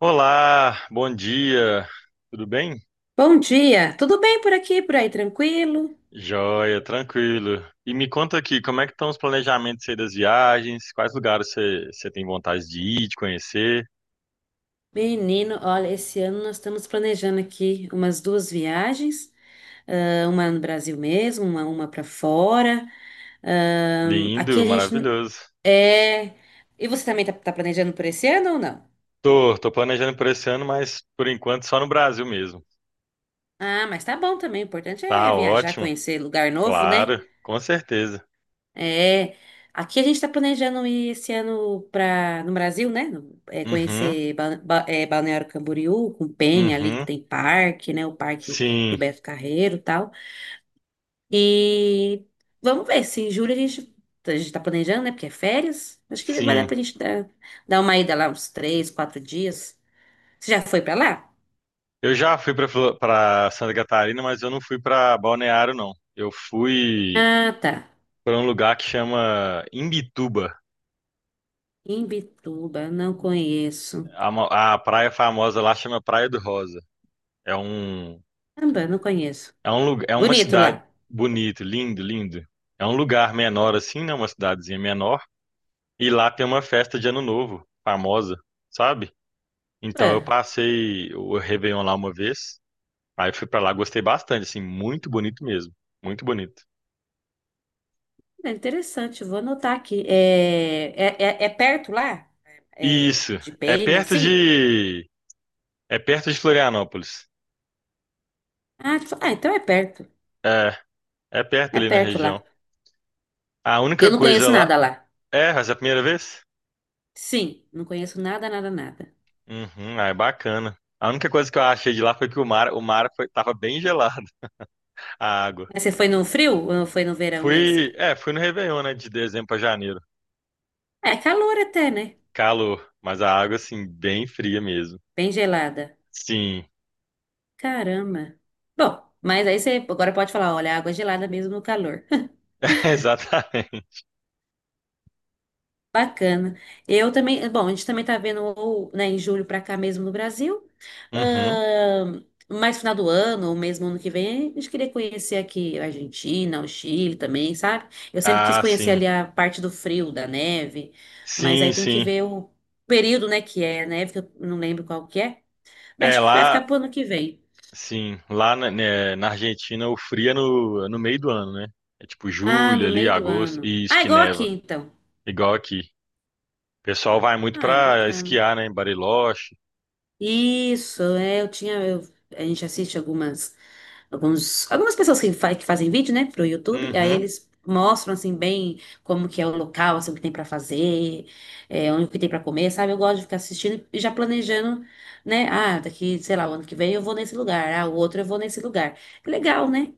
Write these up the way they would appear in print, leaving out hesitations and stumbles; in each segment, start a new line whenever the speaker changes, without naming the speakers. Olá, bom dia, tudo bem?
Bom dia, tudo bem por aqui, por aí, tranquilo?
Joia, tranquilo. E me conta aqui, como é que estão os planejamentos aí das viagens? Quais lugares você tem vontade de ir, de conhecer?
Menino, olha, esse ano nós estamos planejando aqui umas duas viagens, uma no Brasil mesmo, uma para fora. Aqui
Lindo,
a gente
maravilhoso.
é. E você também tá planejando por esse ano ou não?
Tô planejando por esse ano, mas por enquanto só no Brasil mesmo.
Ah, mas tá bom também, o importante é
Tá
viajar,
ótimo,
conhecer lugar novo, né?
claro, com certeza.
É, aqui a gente está planejando ir esse ano para no Brasil, né?
Uhum,
Conhecer Balneário Camboriú, com Penha ali que
uhum.
tem parque, né? O parque do
Sim,
Beto Carreiro, e tal. E vamos ver se em julho a gente está planejando, né? Porque é férias. Acho que vai dar
sim.
para a gente dar uma ida lá uns três, quatro dias. Você já foi para lá?
Eu já fui para Santa Catarina, mas eu não fui para Balneário, não. Eu fui
Ah, tá.
para um lugar que chama Imbituba.
Imbituba, não conheço.
A praia famosa lá chama Praia do Rosa. É um,
Caramba, não conheço.
É uma
Bonito
cidade
lá.
bonita, lindo, lindo. É um lugar menor assim, né? Uma cidadezinha menor. E lá tem uma festa de Ano Novo, famosa, sabe? Então eu passei o Réveillon lá uma vez. Aí fui pra lá, gostei bastante, assim, muito bonito mesmo. Muito bonito.
É interessante, vou anotar aqui. É perto lá? É,
Isso,
de
é
Penha,
perto
assim?
de, é perto de Florianópolis.
Ah, então é perto.
É, é perto
É
ali na
perto lá.
região. A única
Eu não
coisa
conheço
lá,
nada lá.
é, essa é a primeira vez?
Sim, não conheço nada, nada, nada.
Uhum, ah, é bacana. A única coisa que eu achei de lá foi que o mar foi, tava bem gelado, a água.
Mas você foi no frio ou foi no verão mesmo?
Fui no Réveillon, né, de dezembro pra janeiro.
É calor até, né?
Calor, mas a água, assim, bem fria mesmo.
Bem gelada.
Sim,
Caramba. Bom, mas aí você agora pode falar, olha, água gelada mesmo no calor.
exatamente.
Bacana. Eu também, bom, a gente também tá vendo, ou, né, em julho para cá mesmo no Brasil.
Uhum.
Mais final do ano, ou mesmo ano que vem, a gente queria conhecer aqui a Argentina, o Chile também, sabe? Eu sempre quis
Ah,
conhecer
sim.
ali a parte do frio, da neve, mas
Sim,
aí tem que
sim.
ver o período, né, que é a neve, que eu não lembro qual que é, mas
É,
acho que vai ficar
lá,
pro ano que vem.
sim, lá na, né, na Argentina o frio é no meio do ano, né? É tipo
Ah,
julho
no
ali,
meio do
agosto,
ano.
e isso
Ah,
que
igual
neva,
aqui, então.
igual aqui. O pessoal vai muito
Ah,
pra
bacana.
esquiar, né, em Bariloche,
Isso, é, eu tinha, eu- a gente assiste algumas pessoas que, que fazem vídeo, né, pro YouTube, aí
uhum,
eles mostram, assim, bem como que é o local, assim, o que tem para fazer, onde que tem para comer, sabe? Eu gosto de ficar assistindo e já planejando, né? Ah, daqui, sei lá, o ano que vem eu vou nesse lugar, ah, o outro eu vou nesse lugar. Legal, né?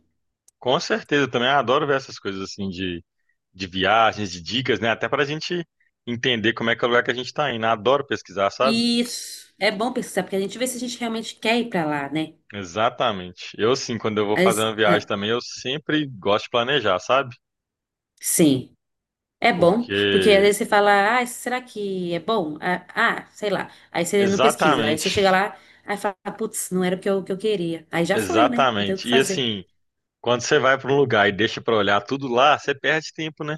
com certeza, eu também adoro ver essas coisas assim de viagens, de dicas, né? Até para a gente entender como é que é o lugar que a gente está indo. Adoro pesquisar, sabe?
Isso é bom pesquisar, porque a gente vê se a gente realmente quer ir para lá, né?
Exatamente. Eu sim, quando eu vou fazer
Mas,
uma viagem também, eu sempre gosto de planejar, sabe?
sim. É bom, porque às
Porque
vezes você fala, ah, será que é bom? Sei lá. Aí você não pesquisa. Aí você chega
exatamente,
lá, aí fala, putz, não era o que eu queria. Aí já foi, né? Não tem o que
exatamente. E
fazer.
assim, quando você vai para um lugar e deixa para olhar tudo lá, você perde tempo, né?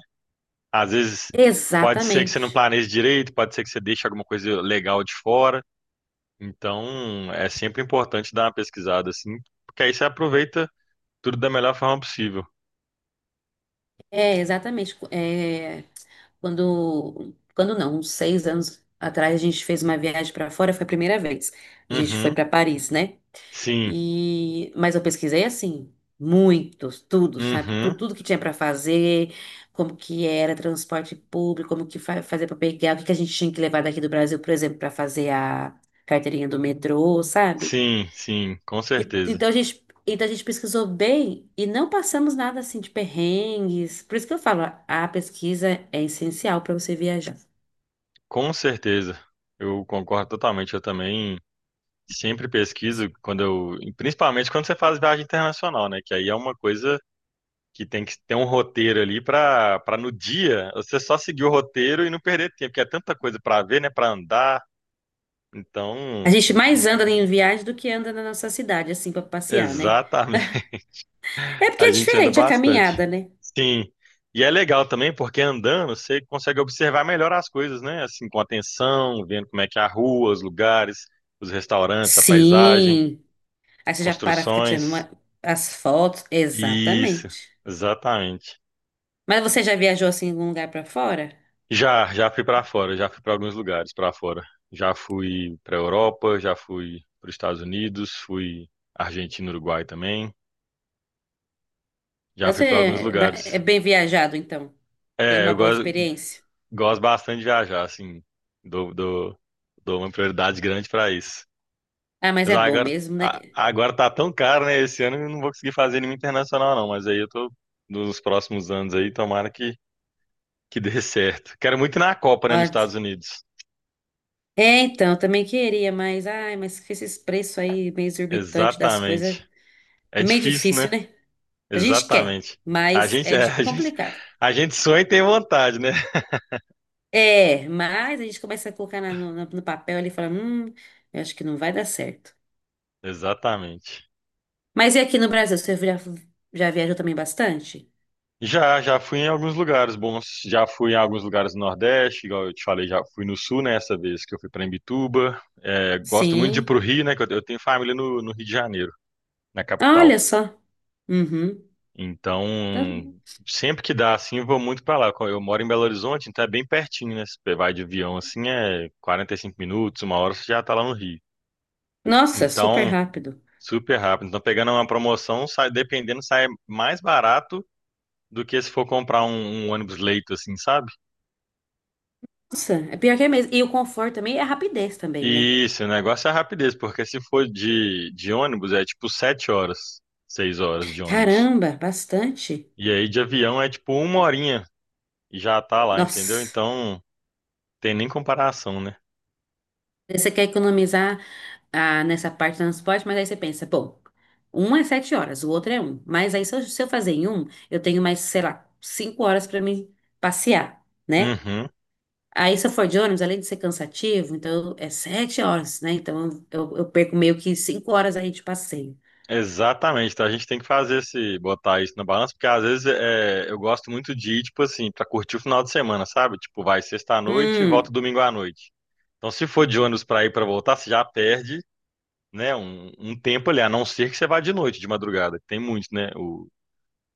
Às vezes pode ser que você não
Exatamente.
planeje direito, pode ser que você deixe alguma coisa legal de fora. Então, é sempre importante dar uma pesquisada assim, porque aí você aproveita tudo da melhor forma possível.
É, exatamente. É, quando não, uns 6 anos atrás, a gente fez uma viagem para fora, foi a primeira vez. A gente foi
Uhum.
para Paris, né?
Sim.
Mas eu pesquisei assim, muitos, tudo, sabe?
Uhum.
Tudo, que tinha para fazer, como que era transporte público, como que fa fazer para pegar, o que que a gente tinha que levar daqui do Brasil, por exemplo, para fazer a carteirinha do metrô, sabe?
Sim, sim, com
E-
certeza.
então a gente, então a gente pesquisou bem e não passamos nada assim de perrengues. Por isso que eu falo, a pesquisa é essencial para você viajar.
Com certeza. Eu concordo totalmente. Eu também sempre pesquiso principalmente quando você faz viagem internacional, né? Que aí é uma coisa que tem que ter um roteiro ali para no dia você só seguir o roteiro e não perder tempo, porque é tanta coisa para ver, né? Para andar.
A
Então,
gente mais anda em viagem do que anda na nossa cidade, assim, para passear, né?
exatamente.
É porque
A
é
gente anda
diferente a
bastante.
caminhada, né?
Sim. E é legal também porque andando você consegue observar melhor as coisas, né? Assim, com atenção, vendo como é que é a rua, os lugares, os restaurantes, a paisagem,
Sim. Aí
as
você já para, fica tirando
construções.
as fotos.
Isso,
Exatamente.
exatamente.
Mas você já viajou assim em algum lugar pra fora?
Já fui para fora, já fui para alguns lugares para fora. Já fui para Europa, já fui para os Estados Unidos, fui Argentina, Uruguai também. Já fui
Você
para alguns
é
lugares.
bem viajado, então. Tem
É,
uma boa experiência.
gosto bastante de viajar, assim. Dou, dou, dou uma prioridade grande pra isso.
Ah, mas
Mas
é bom
agora,
mesmo, né?
a- agora tá tão caro, né? Esse ano eu não vou conseguir fazer nenhum internacional, não. Mas aí eu tô nos próximos anos aí, tomara que, dê certo. Quero muito ir na Copa, né,
Ó,
nos Estados Unidos.
é, então, eu também queria, mas ai, mas com esses preços aí meio exorbitantes das coisas,
Exatamente. É
é meio
difícil,
difícil,
né?
né? A gente quer,
Exatamente. A
mas
gente,
é
é,
di- é
a gente,
complicado.
a gente sonha e tem vontade, né?
É, mas a gente começa a colocar no papel ali e fala, eu acho que não vai dar certo.
Exatamente.
Mas e aqui no Brasil, você já viajou também bastante?
Já fui em alguns lugares bons. Já fui em alguns lugares do Nordeste, igual eu te falei, já fui no Sul, né, essa vez que eu fui para Imbituba. É, gosto muito de ir
Sim.
pro Rio, né, que eu tenho família no Rio de Janeiro, na
Ah,
capital.
olha só. Uhum.
Então,
Então.
sempre que dá, assim, eu vou muito para lá. Eu moro em Belo Horizonte, então é bem pertinho, né? Se você vai de avião, assim, é 45 minutos, 1 hora você já tá lá no Rio.
Nossa, super
Então,
rápido.
super rápido. Então, pegando uma promoção, sai, dependendo, sai mais barato do que se for comprar um ônibus leito, assim, sabe?
Nossa, é pior que é mesmo. E o conforto também é a rapidez também, né?
Isso, o negócio é a rapidez, porque se for de ônibus é tipo 7 horas, 6 horas de ônibus.
Caramba, bastante.
E aí de avião é tipo uma horinha e já tá lá, entendeu?
Nossa.
Então tem nem comparação, né?
Aí você quer economizar, nessa parte do transporte, mas aí você pensa, pô, um é 7 horas, o outro é um. Mas aí se eu fazer em um, eu tenho mais, sei lá, 5 horas para me passear, né?
Uhum,
Aí, se eu for de ônibus, além de ser cansativo, então é 7 horas, né? Então eu perco meio que 5 horas aí de passeio.
exatamente. Então a gente tem que botar isso na balança, porque às vezes eu gosto muito de ir, tipo assim, pra curtir o final de semana, sabe? Tipo, vai sexta à noite e volta
Hum,
domingo à noite. Então se for de ônibus pra ir e pra voltar, você já perde. Né, um tempo ali, a não ser que você vá de noite, de madrugada, que tem muito, né?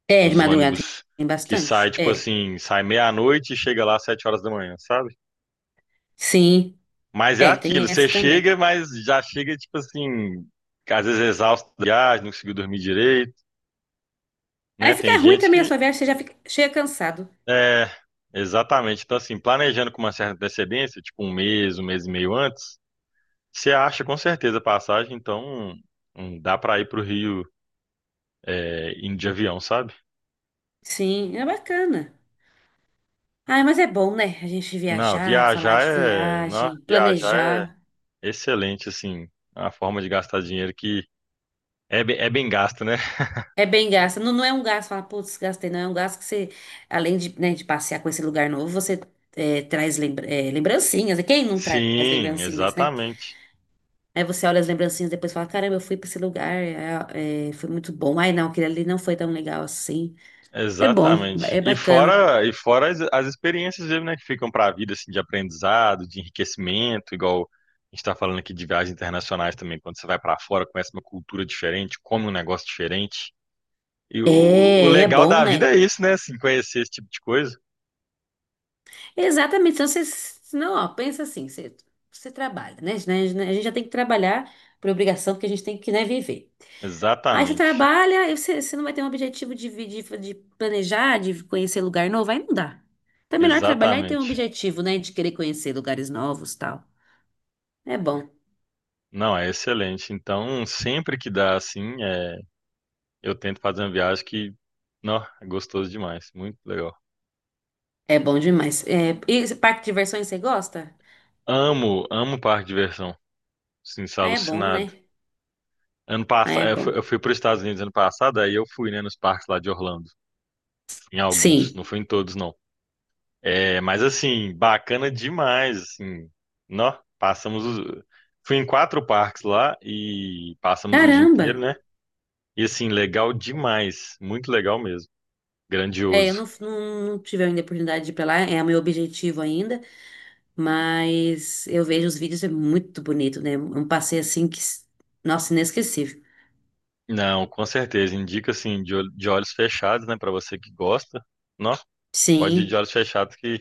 É, de
Os
madrugada tem,
ônibus
tem
que sai,
bastante.
tipo
É,
assim, sai meia-noite e chega lá às 7 horas da manhã, sabe?
sim,
Mas é
é, tem
aquilo, você
essa também.
chega, mas já chega, tipo assim, às vezes exausto da viagem, não conseguiu dormir direito,
Aí
né? Tem
fica ruim
gente
também a
que.
sua viagem, você já fica, chega cansado.
É, exatamente. Então, assim, planejando com uma certa antecedência, tipo 1 mês, 1 mês e meio antes, você acha com certeza a passagem, então dá pra ir pro Rio indo de avião, sabe?
Sim, é bacana. Ai, mas é bom, né? A gente viajar, falar de
Não,
viagem,
viajar é
planejar.
excelente, assim, a forma de gastar dinheiro que é bem gasto, né?
É bem gasto. Não, não é um gasto, fala, putz, gastei. Não, é um gasto que você, além de, né, de passear com esse lugar novo, você traz lembrancinhas. E quem não traz
Sim,
lembrancinhas, né?
exatamente.
Aí você olha as lembrancinhas e depois fala, caramba, eu fui pra esse lugar, foi muito bom. Ai, não, aquele ali não foi tão legal assim. É bom,
Exatamente.
é
E
bacana.
fora, e fora as experiências mesmo, né, que ficam para a vida, assim, de aprendizado, de enriquecimento, igual a gente está falando aqui de viagens internacionais também, quando você vai para fora, conhece uma cultura diferente, come um negócio diferente. E o
É, e é
legal
bom,
da vida
né?
é isso, né, assim, conhecer esse tipo de coisa.
Exatamente. Então, você, não, ó, pensa assim, você trabalha, né? A gente né, a gente já tem que trabalhar por obrigação, porque a gente tem que, né, viver. Aí você,
Exatamente.
trabalha, e você não vai ter um objetivo de planejar, de conhecer lugar novo, aí não dá. Então é melhor trabalhar e ter um
Exatamente.
objetivo, né? De querer conhecer lugares novos, tal. É bom.
Não, é excelente. Então, sempre que dá, assim, eu tento fazer uma viagem que, não, é gostoso demais, muito legal.
É bom demais. É, e esse parque de diversões você gosta?
Amo, amo parque de diversão, sim, sou
Ah, é bom,
alucinado.
né?
Ano
Ah,
passado,
é
eu fui,
bom.
eu fui para os Estados Unidos ano passado, aí eu fui, né, nos parques lá de Orlando, em alguns,
Sim.
não fui em todos, não. É, mas assim, bacana demais, assim, nó, fui em quatro parques lá e passamos o dia
Caramba!
inteiro, né? E assim, legal demais, muito legal mesmo,
É, eu
grandioso.
não tive ainda a oportunidade de ir pra lá, é o meu objetivo ainda, mas eu vejo os vídeos, é muito bonito, né? É um passeio assim que, nossa, inesquecível.
Não, com certeza. Indica assim de olhos fechados, né, para você que gosta. Não, pode ir de
Sim.
olhos fechados que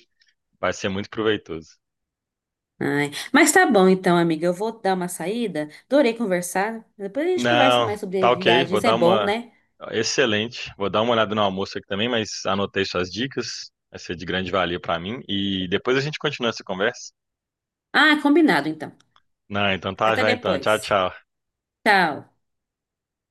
vai ser muito proveitoso.
Ai, mas tá bom então, amiga. Eu vou dar uma saída. Adorei conversar. Depois a gente conversa
Não,
mais sobre
tá ok. Vou
viagens. É
dar
bom,
uma
né?
Excelente. Vou dar uma olhada no almoço aqui também, mas anotei suas dicas. Vai ser de grande valia para mim e depois a gente continua essa conversa.
Ah, combinado então.
Não, então tá
Até
já então. Tchau,
depois.
tchau.
Tchau.